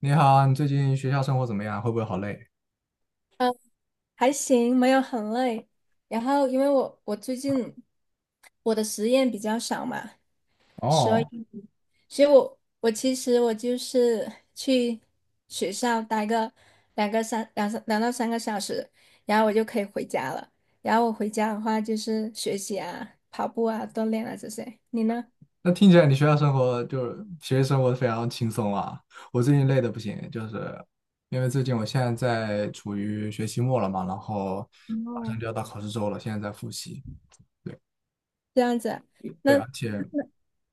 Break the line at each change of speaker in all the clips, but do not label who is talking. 你好啊你最近学校生活怎么样？会不会好累？
还行，没有很累。然后因为我最近我的实验比较少嘛，所
哦，
以所以我其实就是去学校待个两个三两三2到3个小时，然后我就可以回家了。然后我回家的话就是学习啊、跑步啊、锻炼啊这些。你呢？
那听起来你学校生活就是学习生活非常轻松啊。我最近累的不行，就是因为最近我现在在处于学期末了嘛，然后马上
哦，
就要到考试周了，现在在复习。
这样子啊。
对，
那
而且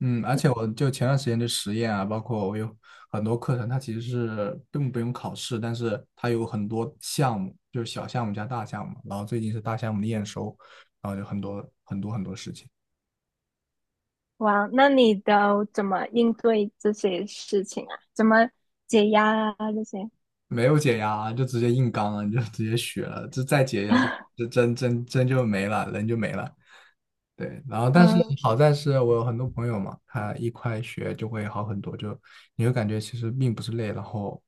我就前段时间的实验啊，包括我有很多课程，它其实是根本不用考试，但是它有很多项目，就是小项目加大项目，然后最近是大项目的验收，然后就很多很多很多事情。
哇，那你都怎么应对这些事情啊？怎么解压啊？这些？
没有解压啊就直接硬刚了，你就直接学了，这再解压就真真真就没了，人就没了。对，然后但是
嗯
好在是我有很多朋友嘛，他一块学就会好很多，就你会感觉其实并不是累，然后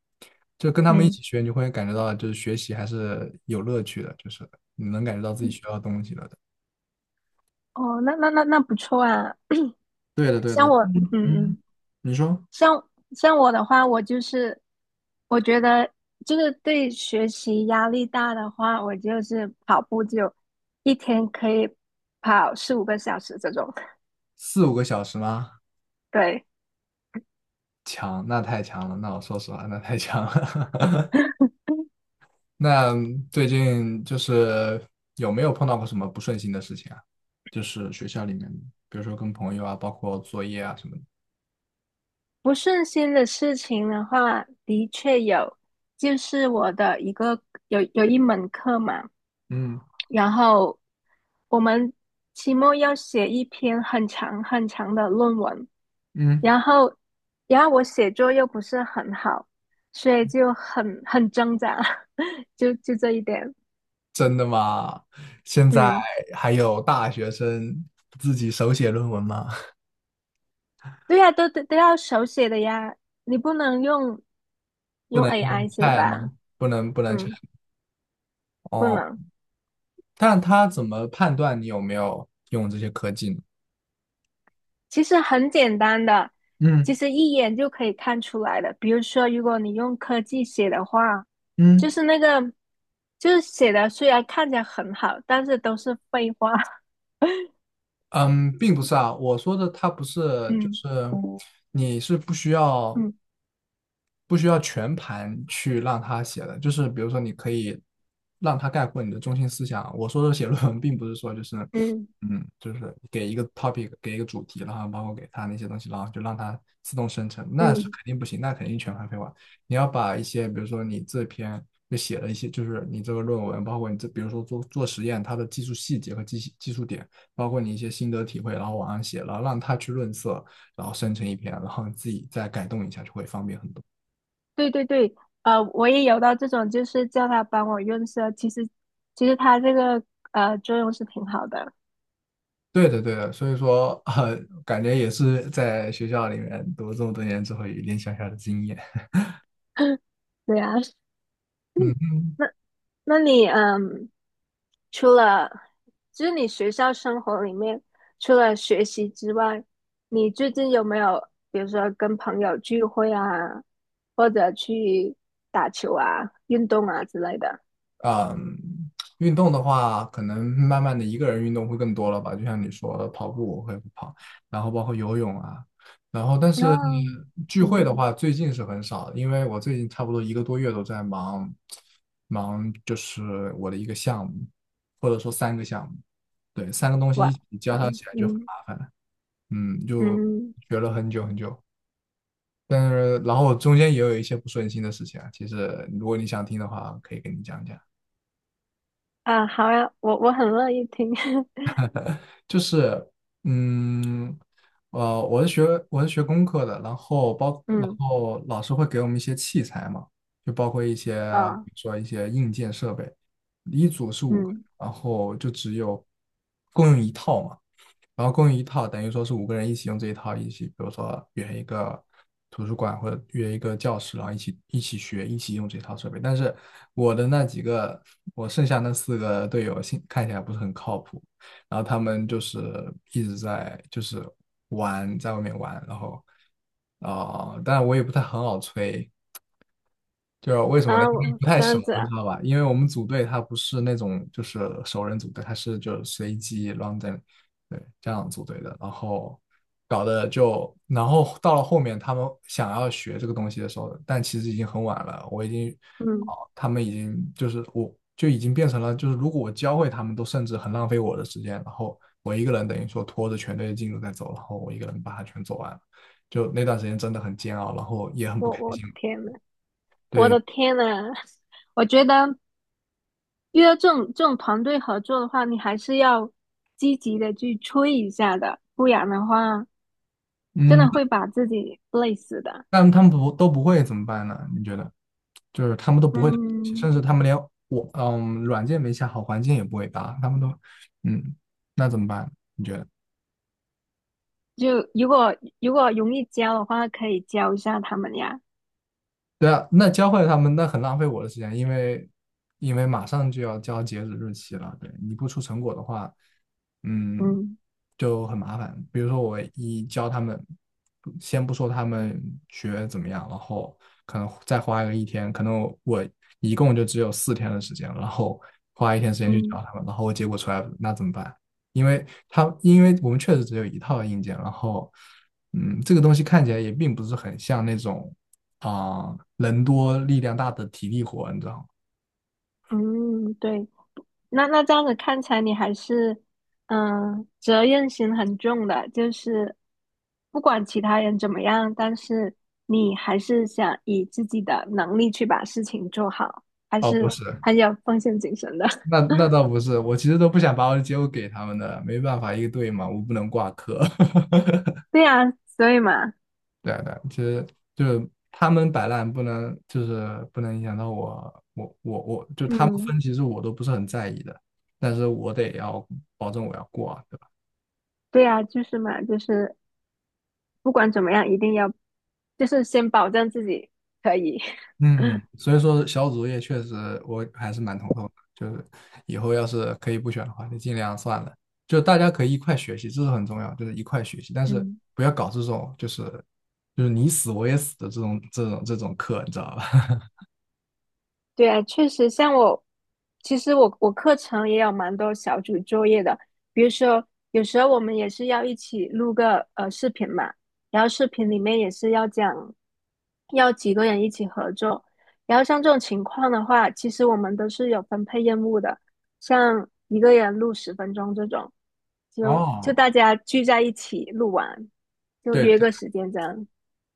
就跟他们一
嗯，
起学，你就会感觉到就是学习还是有乐趣的，就是你能感觉到自己学到东西了的。
哦，那不错啊。
对的，对
像
的，
我，
嗯
嗯
嗯，
嗯，
你说
像我的话，我觉得就是对学习压力大的话，我就是跑步就一天可以跑4、5个小时这种。
4、5个小时吗？
对，
强，那太强了，那我说实话，那太强了。那最近就是有没有碰到过什么不顺心的事情啊？就是学校里面，比如说跟朋友啊，包括作业啊什么的。
不顺心的事情的话，的确有，就是我的一个有一门课嘛。
嗯
然后我们期末要写一篇很长很长的论文，
嗯，
然后然后我写作又不是很好，所以就很挣扎，就这一点。
真的吗？现在
嗯，
还有大学生自己手写论文吗？
对呀，都要手写的呀，你不能用
不
用
能
AI
用
写
Chat 吗？
吧？
不能不能 Chat
嗯，不
哦。
能。
但他怎么判断你有没有用这些科技呢？
其实很简单的，其
嗯
实一眼就可以看出来的。比如说，如果你用科技写的话，就
嗯
是那个，就是写的虽然看起来很好，但是都是废话。
嗯，并不是啊，我说的他不是，就
嗯
是你是不需要。
嗯
不需要全盘去让他写的，就是比如说你可以让他概括你的中心思想。我说的写论文，并不是说就是，
嗯
就是给一个 topic，给一个主题，然后包括给他那些东西，然后就让他自动生成，那是
嗯，
肯定不行，那肯定全盘废话。你要把一些，比如说你这篇就写了一些，就是你这个论文，包括你这，比如说做做实验，它的技术细节和技术点，包括你一些心得体会，然后往上写，然后让他去润色，然后生成一篇，然后自己再改动一下，就会方便很多。
对对对，我也有到这种，就是叫他帮我润色。其实他这个作用是挺好的。
对的，对的，所以说，感觉也是在学校里面读了这么多年之后，有一点小小的经验。
对啊，
嗯
那那你嗯。除了就是你学校生活里面，除了学习之外，你最近有没有比如说跟朋友聚会啊，或者去打球啊、运动啊之类的？
啊，运动的话，可能慢慢的一个人运动会更多了吧，就像你说的，跑步我会跑，然后包括游泳啊，然后但
啊，
是聚会
嗯，
的话，最近是很少的因为我最近差不多一个多月都在忙，忙就是我的一个项目，或者说3个项目，对，3个东西
哇，
一起交叉
安。
起来就很
嗯
麻烦，嗯，就
嗯
学了很久很久。但是然后中间也有一些不顺心的事情啊。其实如果你想听的话，可以跟你讲讲。
啊，好呀，我很乐意听。
就是嗯我是学工科的，然后
嗯
老师会给我们一些器材嘛，就包括一些
啊
比如说一些硬件设备，一组是五个，
嗯
然后就只有共用一套嘛。然后共用一套，等于说是5个人一起用这一套，一起比如说约一个图书馆或者约一个教室，然后一起学，一起用这套设备。但是我的那几个，我剩下那4个队友，现看起来不是很靠谱。然后他们就是一直在就是玩，在外面玩，然后当然我也不太很好催，就是为什么呢？
啊，
因为
我
不太
这
熟，
样子
你
啊，
知道吧？因为我们组队他不是那种就是熟人组队，他是就随机 random，对，这样组队的。然后搞得就，然后到了后面他们想要学这个东西的时候，但其实已经很晚了，我已经，
嗯，
哦，他们已经就是我就已经变成了就是如果我教会他们，都甚至很浪费我的时间。然后我一个人等于说拖着全队的进度在走，然后我一个人把它全走完了，就那段时间真的很煎熬，然后也很不
我
开
我的
心。
天呐，我
对，
的天呐，我觉得。遇到这种团队合作的话，你还是要积极的去催一下的，不然的话，真
嗯，
的会把自己累死的。
但他们不都不会怎么办呢？你觉得？就是他们都不会这个东西
嗯，
甚至他们连我软件没下好，环境也不会搭，他们都嗯，那怎么办？你觉得？
就如果容易教的话，可以教一下他们呀。
对啊，那教会他们那很浪费我的时间，因为马上就要交截止日期了，对，你不出成果的话，嗯，
嗯
就很麻烦。比如说我一教他们，不先不说他们学怎么样，然后可能再花个一天，可能我一共就只有四天的时间，然后花一天时间去教
嗯
他们，然后我结果出来那怎么办？因为他因为我们确实只有一套硬件，然后这个东西看起来也并不是很像那种。人多力量大的体力活，你知道吗？
嗯，对。那这样子看起来，你还是责任心很重的，就是不管其他人怎么样，但是你还是想以自己的能力去把事情做好，还
哦，不
是
是，
很有奉献精神的。
那倒不是，我其实都不想把我的结果给他们的，没办法，一个队嘛，我不能挂科。
对呀，所以嘛，
对啊对啊，其实就是他们摆烂，不能就是不能影响到我，我就他们
嗯，
分，其实我都不是很在意的，但是我得要保证我要过啊。
对呀，就是嘛，就是不管怎么样，一定要就是先保证自己可以，
嗯，所以说小组作业确实我还是蛮头痛的，就是以后要是可以不选的话，就尽量算了。就大家可以一块学习，这是很重要，就是一块学习，但 是
嗯。
不要搞这种就是你死我也死的这种课，你知道吧？
对啊，确实，像我，其实我课程也有蛮多小组作业的，比如说有时候我们也是要一起录个视频嘛，然后视频里面也是要讲要几个人一起合作，然后像这种情况的话，其实我们都是有分配任务的，像一个人录10分钟这种，就
哦，
大家聚在一起录完，就
对
约
对，
个时间这样，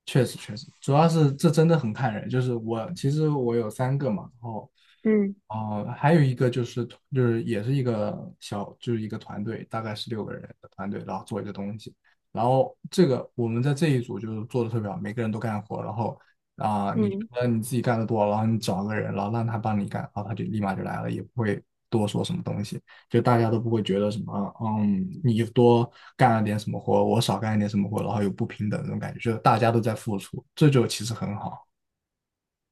确实确实，主要是这真的很看人。就是我其实我有三个嘛，然后
嗯
哦，还有一个也是一个团队，大概是6个人的团队，然后做一个东西。然后这个我们在这一组就是做的特别好，每个人都干活。然后你觉
嗯。
得你自己干的多，然后你找个人，然后让他帮你干，然后他就立马就来了，也不会多说什么东西，就大家都不会觉得什么，你多干了点什么活，我少干了点什么活，然后有不平等这种感觉，就是大家都在付出，这就其实很好。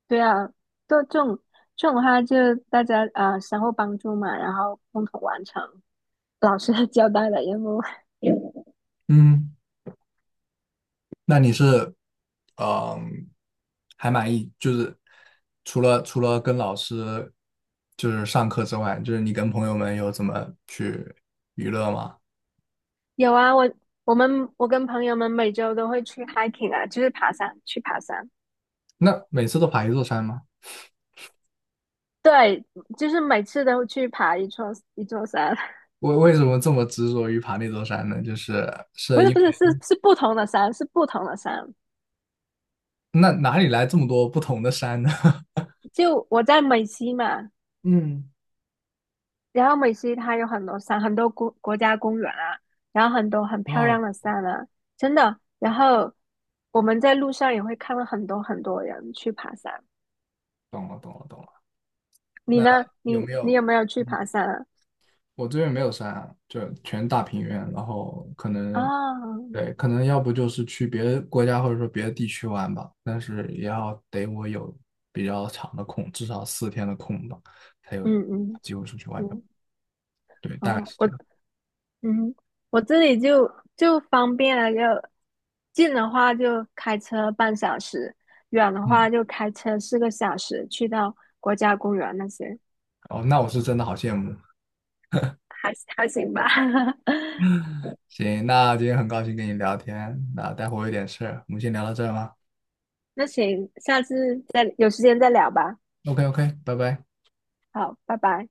对啊，就这种的话，就大家啊、相互帮助嘛，然后共同完成老师的交代的任务。
嗯。那你是，嗯，还满意？就是除了跟老师就是上课之外，就是你跟朋友们有怎么去娱乐吗？
有啊，我跟朋友们每周都会去 hiking 啊，就是爬山，去爬山。
那每次都爬一座山吗？
对，就是每次都去爬一座一座山，
为什么这么执着于爬那座山呢？就是
不
是
是
因
不
为
是是不同的山，是不同的山。
那哪里来这么多不同的山呢？
就我在美西嘛，
嗯，
然后美西它有很多山，很多国家公园啊，然后很多很漂
哦，
亮的山啊，真的。然后我们在路上也会看到很多很多人去爬山。
懂了，懂了，懂了。
你
那
呢？
有
你
没
你
有？
有没有去
嗯
爬山啊？
我这边没有山，啊，就全大平原，然后可能，
啊，
对，可能要不就是去别的国家或者说别的地区玩吧，但是也要得我有比较长的空，至少四天的空吧，才有
嗯嗯
机会出去玩面。
嗯，
对，大概
哦，
是
我
这样。
嗯，我这里就方便了，就近的话就开车半小时，远的
嗯，
话就开车4个小时去到国家公园那些，
哦，那我是真的好羡慕。
还行吧。
行，那今天很高兴跟你聊天，那待会儿我有点事儿我们先聊到这儿吧。
那行，下次再有时间再聊吧。
OK OK，拜拜。
好，拜拜。